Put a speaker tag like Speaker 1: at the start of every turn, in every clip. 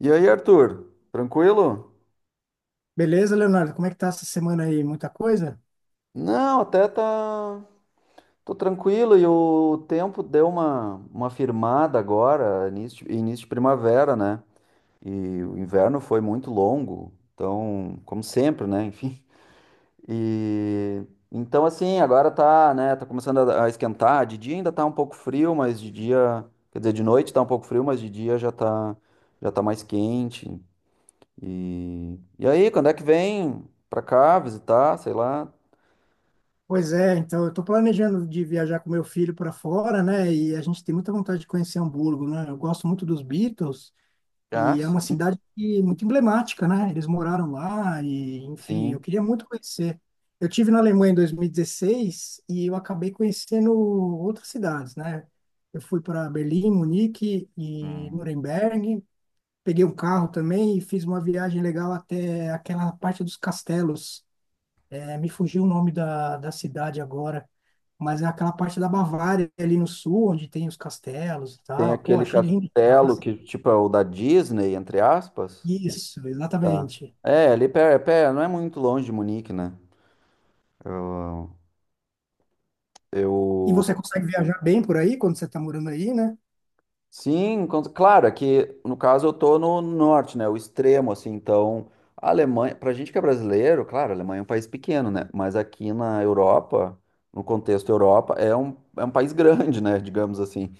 Speaker 1: E aí, Arthur, tranquilo?
Speaker 2: Beleza, Leonardo? Como é que tá essa semana aí? Muita coisa?
Speaker 1: Não, até tá. Tô tranquilo e o tempo deu uma firmada agora, início, início de primavera, né? E o inverno foi muito longo, então, como sempre, né? Enfim. E então, assim, agora tá, né? Tá começando a esquentar. De dia ainda tá um pouco frio, mas de dia. Quer dizer, de noite tá um pouco frio, mas de dia já tá mais quente. E aí, quando é que vem pra cá visitar? Sei lá.
Speaker 2: Pois é, então eu tô planejando de viajar com meu filho para fora, né? E a gente tem muita vontade de conhecer Hamburgo, né? Eu gosto muito dos Beatles
Speaker 1: Ah,
Speaker 2: e é uma
Speaker 1: sim,
Speaker 2: cidade muito emblemática, né? Eles moraram lá e, enfim, eu
Speaker 1: sim.
Speaker 2: queria muito conhecer. Eu tive na Alemanha em 2016 e eu acabei conhecendo outras cidades, né? Eu fui para Berlim, Munique e
Speaker 1: Hum.
Speaker 2: Nuremberg. Peguei um carro também e fiz uma viagem legal até aquela parte dos castelos. É, me fugiu o nome da cidade agora, mas é aquela parte da Bavária ali no sul, onde tem os castelos e
Speaker 1: Tem
Speaker 2: tal. Pô,
Speaker 1: aquele
Speaker 2: achei lindo
Speaker 1: castelo
Speaker 2: demais.
Speaker 1: que, tipo, é o da Disney, entre aspas.
Speaker 2: Isso,
Speaker 1: Tá.
Speaker 2: exatamente.
Speaker 1: É, ali pé, não é muito longe de Munique, né? Eu,
Speaker 2: E você
Speaker 1: eu...
Speaker 2: consegue viajar bem por aí quando você está morando aí, né?
Speaker 1: Sim, claro, é que no caso eu tô no norte, né? O extremo, assim, então a Alemanha, pra gente que é brasileiro, claro, a Alemanha é um país pequeno, né? Mas aqui na Europa, no contexto Europa, é um país grande, né? Digamos assim.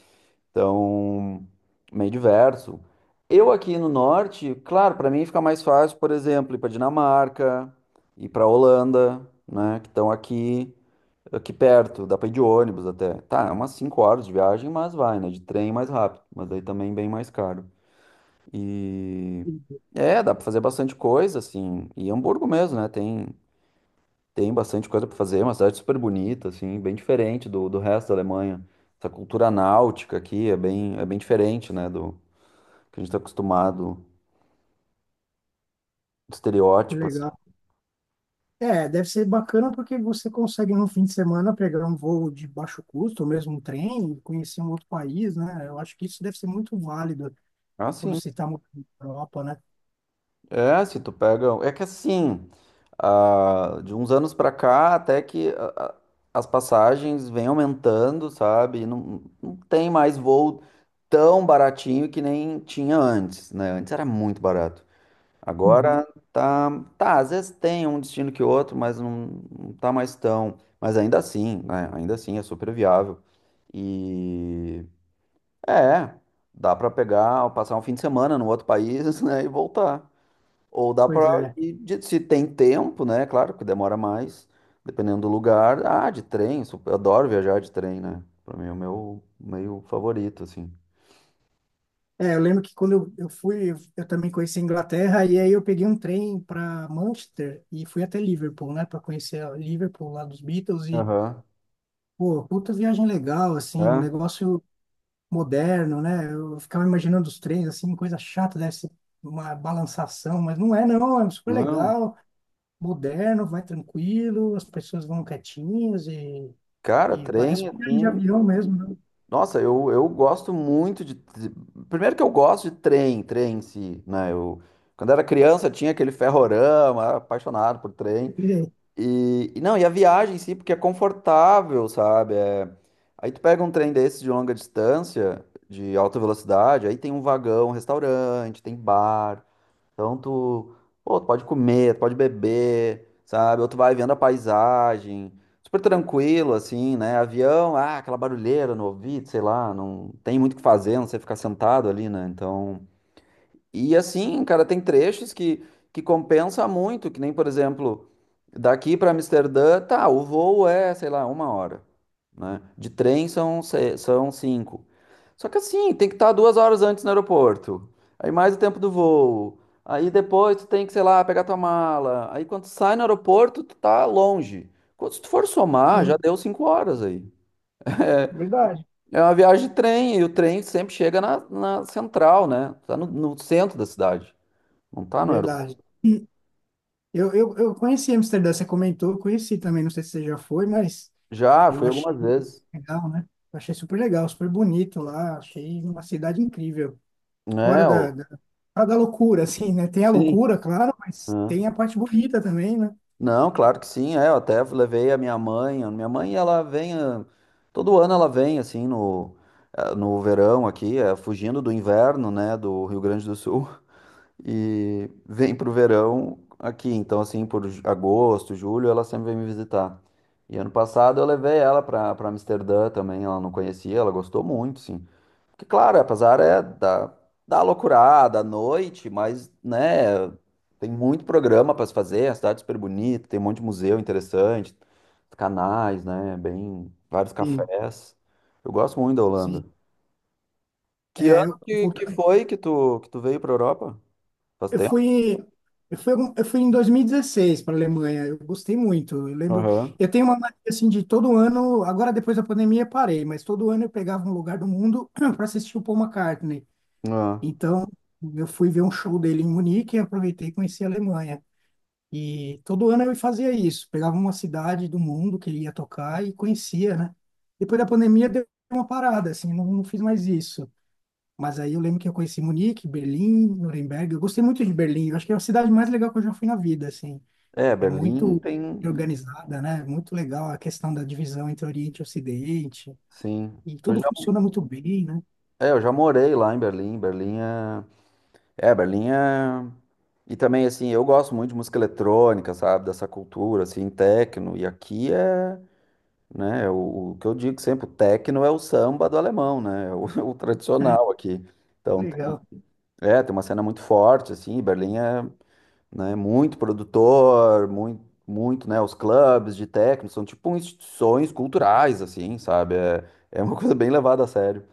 Speaker 1: Então, meio diverso. Eu aqui no norte, claro, para mim fica mais fácil, por exemplo, ir para Dinamarca, ir para Holanda, né, que estão aqui perto, dá para ir de ônibus até. Tá, é umas 5 horas de viagem, mas vai, né, de trem mais rápido, mas daí também bem mais caro. E é, dá para fazer bastante coisa assim, e Hamburgo mesmo, né? Tem bastante coisa para fazer, é uma cidade super bonita, assim, bem diferente do resto da Alemanha. Essa cultura náutica aqui é bem diferente, né, do que a gente está acostumado, do
Speaker 2: Que
Speaker 1: estereótipo, assim.
Speaker 2: legal. É, deve ser bacana porque você consegue num fim de semana pegar um voo de baixo custo, ou mesmo um trem, e conhecer um outro país, né? Eu acho que isso deve ser muito válido
Speaker 1: Ah,
Speaker 2: quando
Speaker 1: sim.
Speaker 2: você está morando na Europa, né?
Speaker 1: É, se tu pega... É que assim, ah, de uns anos para cá, até que as passagens vêm aumentando, sabe? E não tem mais voo tão baratinho que nem tinha antes, né? Antes era muito barato.
Speaker 2: Uhum.
Speaker 1: Agora tá, tá, às vezes tem um destino que outro, mas não, não tá mais tão. Mas ainda assim, né? Ainda assim é super viável. E é, dá pra pegar, passar um fim de semana no outro país, né, e voltar. Ou dá pra
Speaker 2: Pois é.
Speaker 1: ir se tem tempo, né? Claro que demora mais, dependendo do lugar. Ah, de trem, eu adoro viajar de trem, né? Pra mim é o meu meio favorito, assim.
Speaker 2: É, eu lembro que quando eu também conheci a Inglaterra, e aí eu peguei um trem para Manchester e fui até Liverpool, né, para conhecer a Liverpool lá dos Beatles. E,
Speaker 1: Aham.
Speaker 2: pô, puta viagem legal, assim, um
Speaker 1: É?
Speaker 2: negócio moderno, né? Eu ficava imaginando os trens, assim, coisa chata, deve ser uma balançação, mas não é, não, é um super
Speaker 1: Não.
Speaker 2: legal, moderno, vai tranquilo, as pessoas vão quietinhas e,
Speaker 1: Cara,
Speaker 2: e parece
Speaker 1: trem,
Speaker 2: uma viagem de
Speaker 1: assim.
Speaker 2: avião mesmo, né?
Speaker 1: Nossa, eu gosto muito de. De- Primeiro que eu gosto de trem, trem em si, né? Eu, quando era criança tinha aquele ferrorama, era apaixonado por trem.
Speaker 2: E-
Speaker 1: E não, e a viagem em si, porque é confortável, sabe? É- Aí tu pega um trem desse de longa distância, de alta velocidade, aí tem um vagão, um restaurante, tem bar. Então tu, pô, tu pode comer, tu pode beber, sabe? Ou tu vai vendo a paisagem, super tranquilo, assim, né? Avião, ah, aquela barulheira no ouvido, sei lá, não tem muito o que fazer, não sei ficar sentado ali, né? Então. E assim, cara, tem trechos que compensa muito, que nem, por exemplo, daqui para Amsterdã, tá, o voo é, sei lá, uma hora, né? De trem são, são cinco. Só que assim, tem que estar duas horas antes no aeroporto, aí mais o tempo do voo, aí depois tu tem que, sei lá, pegar tua mala, aí quando tu sai no aeroporto, tu tá longe. Quando se tu for somar,
Speaker 2: e-
Speaker 1: já deu cinco horas aí. É
Speaker 2: Verdade,
Speaker 1: é uma viagem de trem, e o trem sempre chega na central, né? Tá no centro da cidade. Não tá no aeroporto.
Speaker 2: verdade. Eu conheci Amsterdã, você comentou, eu conheci também, não sei se você já foi, mas
Speaker 1: Já,
Speaker 2: eu
Speaker 1: fui
Speaker 2: achei
Speaker 1: algumas vezes.
Speaker 2: legal, né? Eu achei super legal, super bonito lá, achei uma cidade incrível. Fora
Speaker 1: É,
Speaker 2: da,
Speaker 1: ó,
Speaker 2: da, fora da loucura, assim, né? Tem a
Speaker 1: sim.
Speaker 2: loucura, claro, mas
Speaker 1: né?
Speaker 2: tem a parte bonita também, né?
Speaker 1: Não, claro que sim. É, eu até levei a minha mãe. A minha mãe, ela vem. Ah, todo ano ela vem, assim, no, ah, no verão aqui, é, fugindo do inverno, né, do Rio Grande do Sul. E vem pro verão aqui. Então, assim, agosto, julho, ela sempre vem me visitar. E ano passado eu levei ela pra Amsterdã também. Ela não conhecia, ela gostou muito, sim. Porque, claro, apesar é da, da loucurada à noite, mas, né, tem muito programa para se fazer, a cidade é super bonita, tem um monte de museu interessante, canais, né, bem, vários
Speaker 2: Sim,
Speaker 1: cafés. Eu gosto muito da Holanda.
Speaker 2: sim.
Speaker 1: Que
Speaker 2: É,
Speaker 1: ano
Speaker 2: eu, voltando,
Speaker 1: que tu veio para Europa? Faz
Speaker 2: eu
Speaker 1: tempo?
Speaker 2: fui, eu fui em 2016 para a Alemanha, eu gostei muito, eu lembro,
Speaker 1: Aham.
Speaker 2: eu tenho uma mania, assim, de todo ano, agora depois da pandemia parei, mas todo ano eu pegava um lugar do mundo para assistir o Paul McCartney.
Speaker 1: Ah.
Speaker 2: Então, eu fui ver um show dele em Munique e aproveitei e conheci a Alemanha. E todo ano eu fazia isso, pegava uma cidade do mundo que ele ia tocar e conhecia, né? Depois da pandemia deu uma parada, assim, não, não fiz mais isso. Mas aí eu lembro que eu conheci Munique, Berlim, Nuremberg. Eu gostei muito de Berlim, eu acho que é a cidade mais legal que eu já fui na vida, assim.
Speaker 1: É,
Speaker 2: É
Speaker 1: Berlim
Speaker 2: muito
Speaker 1: tem,
Speaker 2: organizada, né? Muito legal a questão da divisão entre Oriente e Ocidente.
Speaker 1: sim.
Speaker 2: E
Speaker 1: Eu
Speaker 2: tudo
Speaker 1: já,
Speaker 2: funciona muito bem, né?
Speaker 1: eu já morei lá em Berlim. É, Berlim é... E também, assim, eu gosto muito de música eletrônica, sabe? Dessa cultura, assim, techno. E aqui é, né, o que eu digo sempre, o techno é o samba do alemão, né? É O, o
Speaker 2: É,
Speaker 1: tradicional aqui. Então, tem,
Speaker 2: legal,
Speaker 1: é, tem uma cena muito forte, assim, Berlim é, né, muito produtor, muito, né? Os clubes de techno são tipo instituições culturais, assim, sabe? É, é uma coisa bem levada a sério.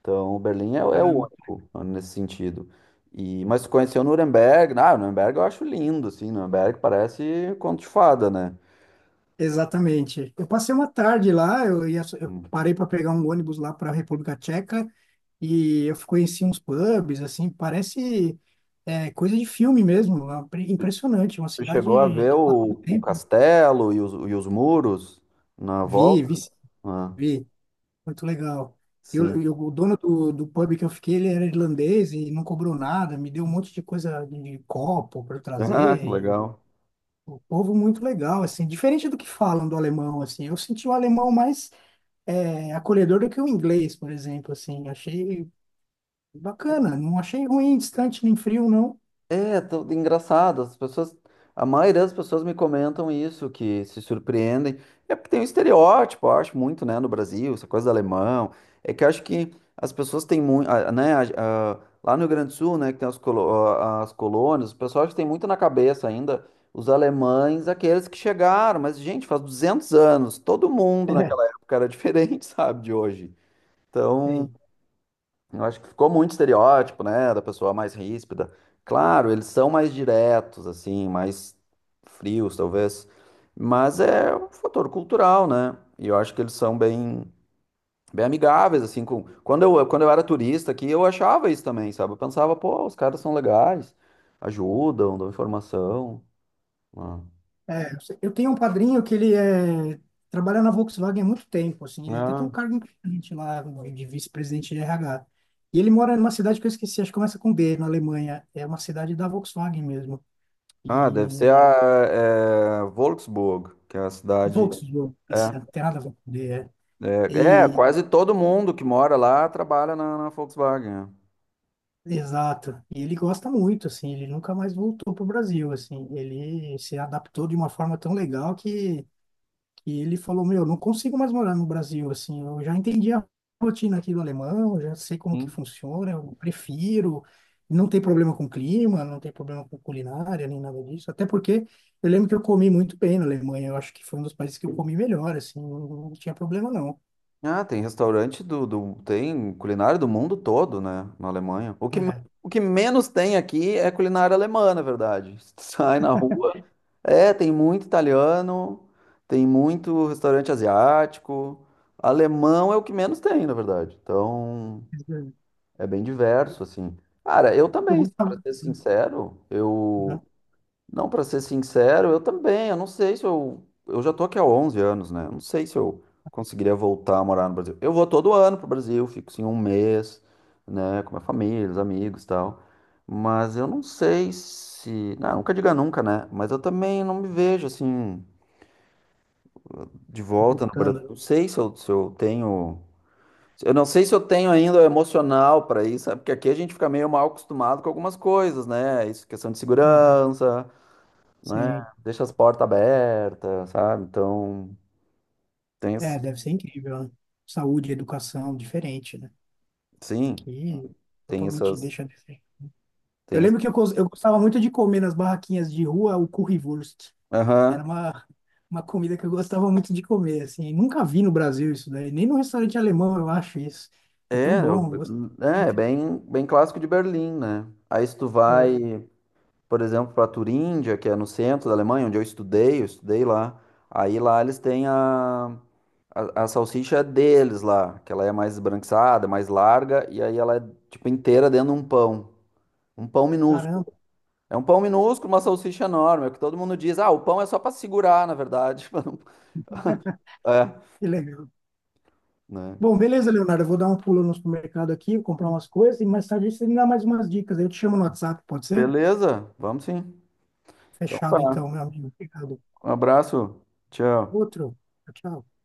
Speaker 1: Então, Berlim é, é o
Speaker 2: caramba.
Speaker 1: único né, nesse sentido. E, mas tu conheceu Nuremberg, ah, Nuremberg eu acho lindo, assim, Nuremberg parece conto de fada, né?
Speaker 2: Exatamente. Eu passei uma tarde lá, eu
Speaker 1: Hum.
Speaker 2: parei para pegar um ônibus lá para a República Tcheca e eu conheci uns pubs, assim, parece coisa de filme mesmo, lá, impressionante, uma
Speaker 1: Você
Speaker 2: cidade
Speaker 1: chegou a ver
Speaker 2: que passa o
Speaker 1: o
Speaker 2: tempo.
Speaker 1: castelo e os muros na
Speaker 2: Vi,
Speaker 1: volta?
Speaker 2: vi, sim,
Speaker 1: Ah,
Speaker 2: vi, muito legal. Eu,
Speaker 1: sim.
Speaker 2: eu- o dono do pub que eu fiquei, ele era irlandês e não cobrou nada, me deu um monte de coisa de copo para eu
Speaker 1: Ah,
Speaker 2: trazer, e
Speaker 1: legal.
Speaker 2: o povo muito legal, assim, diferente do que falam do alemão, assim, eu senti o alemão mais acolhedor do que o inglês, por exemplo, assim. Achei bacana, não achei ruim, distante nem frio, não.
Speaker 1: Engraçado, as pessoas, a maioria das pessoas me comentam isso, que se surpreendem. É porque tem um estereótipo, eu acho muito, né, no Brasil, essa coisa do alemão. É que eu acho que as pessoas têm muito, né, lá no Rio Grande do Sul, né, que tem as, as colônias, o pessoal acho que tem muito na cabeça ainda os alemães, aqueles que chegaram, mas gente, faz 200 anos, todo mundo
Speaker 2: É,
Speaker 1: naquela época era diferente, sabe, de hoje. Então,
Speaker 2: tem.
Speaker 1: eu acho que ficou muito estereótipo, né, da pessoa mais ríspida. Claro, eles são mais diretos, assim, mais frios, talvez. Mas é um fator cultural, né? E eu acho que eles são bem, bem amigáveis, assim, com... quando eu era turista aqui, eu achava isso também, sabe? Eu pensava, pô, os caras são legais, ajudam, dão informação. Ah,
Speaker 2: É, eu tenho um padrinho que trabalha na Volkswagen há muito tempo, assim, ele até tem um
Speaker 1: ah,
Speaker 2: cargo importante lá de vice-presidente de RH. E ele mora numa cidade que eu esqueci, acho que começa com B, na Alemanha. É uma cidade da Volkswagen mesmo.
Speaker 1: ah, deve ser
Speaker 2: E
Speaker 1: a é, Wolfsburg, que é a cidade...
Speaker 2: Volkswagen, isso,
Speaker 1: é.
Speaker 2: não tem nada a ver com D, é. E
Speaker 1: Quase todo mundo que mora lá trabalha na Volkswagen. Né?
Speaker 2: Exato. E ele gosta muito, assim, ele nunca mais voltou pro Brasil, assim. Ele se adaptou de uma forma tão legal que ele falou, meu, não consigo mais morar no Brasil, assim. Eu já entendi a rotina aqui do alemão, já sei como que
Speaker 1: Sim.
Speaker 2: funciona, eu prefiro. Não tem problema com clima, não tem problema com culinária, nem nada disso. Até porque eu lembro que eu comi muito bem na Alemanha. Eu acho que foi um dos países que eu comi melhor, assim. Não, não tinha problema, não.
Speaker 1: Ah, tem restaurante tem culinária do mundo todo, né, na Alemanha.
Speaker 2: É.
Speaker 1: O que menos tem aqui é culinária alemã, na verdade. tu Sai na rua, é, tem muito italiano, tem muito restaurante asiático. Alemão é o que menos tem, na verdade. Então, é bem diverso, assim. Cara, eu
Speaker 2: Eu
Speaker 1: também, para
Speaker 2: gostava.
Speaker 1: ser
Speaker 2: Uhum.
Speaker 1: sincero, eu Não, para ser sincero, eu também. Eu não sei se eu. Eu já tô aqui há 11 anos, né? Eu Não sei se eu conseguiria voltar a morar no Brasil. Eu vou todo ano pro Brasil, fico assim um mês, né? Com minha família, os amigos e tal. Mas eu não sei se. Não, nunca diga nunca, né? Mas eu também não me vejo assim de volta no Brasil.
Speaker 2: Voltando.
Speaker 1: Não sei se eu, se eu tenho. Eu não sei se eu tenho ainda o emocional para isso, sabe? Porque aqui a gente fica meio mal acostumado com algumas coisas, né? Isso, questão de
Speaker 2: Aham.
Speaker 1: segurança né?
Speaker 2: Sim.
Speaker 1: Deixa as portas abertas, sabe? Então, tem, esse-
Speaker 2: É, deve ser incrível, né? Saúde, educação, diferente, né?
Speaker 1: sim,
Speaker 2: Aqui,
Speaker 1: tem
Speaker 2: totalmente
Speaker 1: essas,
Speaker 2: deixa de ser. Eu
Speaker 1: tem esse-
Speaker 2: lembro que eu gostava muito de comer nas barraquinhas de rua o currywurst.
Speaker 1: Aham.
Speaker 2: Era uma comida que eu gostava muito de comer, assim. Nunca vi no Brasil isso daí, nem no restaurante alemão eu acho isso. É tão
Speaker 1: É, eu-
Speaker 2: bom. Eu gosto
Speaker 1: é, é
Speaker 2: muito.
Speaker 1: bem, bem clássico de Berlim, né? Aí se tu
Speaker 2: É,
Speaker 1: vai, por exemplo, para Turíndia, que é no centro da Alemanha, onde eu estudei lá. Aí lá eles têm a salsicha é deles lá, que ela é mais esbranquiçada, mais larga, e aí ela é tipo inteira dentro de um pão. Um pão minúsculo.
Speaker 2: caramba,
Speaker 1: É um pão minúsculo, uma salsicha enorme. É o que todo mundo diz. Ah, o pão é só para segurar, na verdade. pra não- É,
Speaker 2: que legal.
Speaker 1: né?
Speaker 2: Bom, beleza, Leonardo. Eu vou dar um pulo no supermercado aqui, vou comprar umas coisas e mais tarde você me dá mais umas dicas. Eu te chamo no WhatsApp, pode ser?
Speaker 1: Beleza, vamos sim. Então
Speaker 2: Fechado então,
Speaker 1: tá.
Speaker 2: meu amigo. Obrigado.
Speaker 1: Um abraço. Tchau.
Speaker 2: Outro. Tchau. Tchau.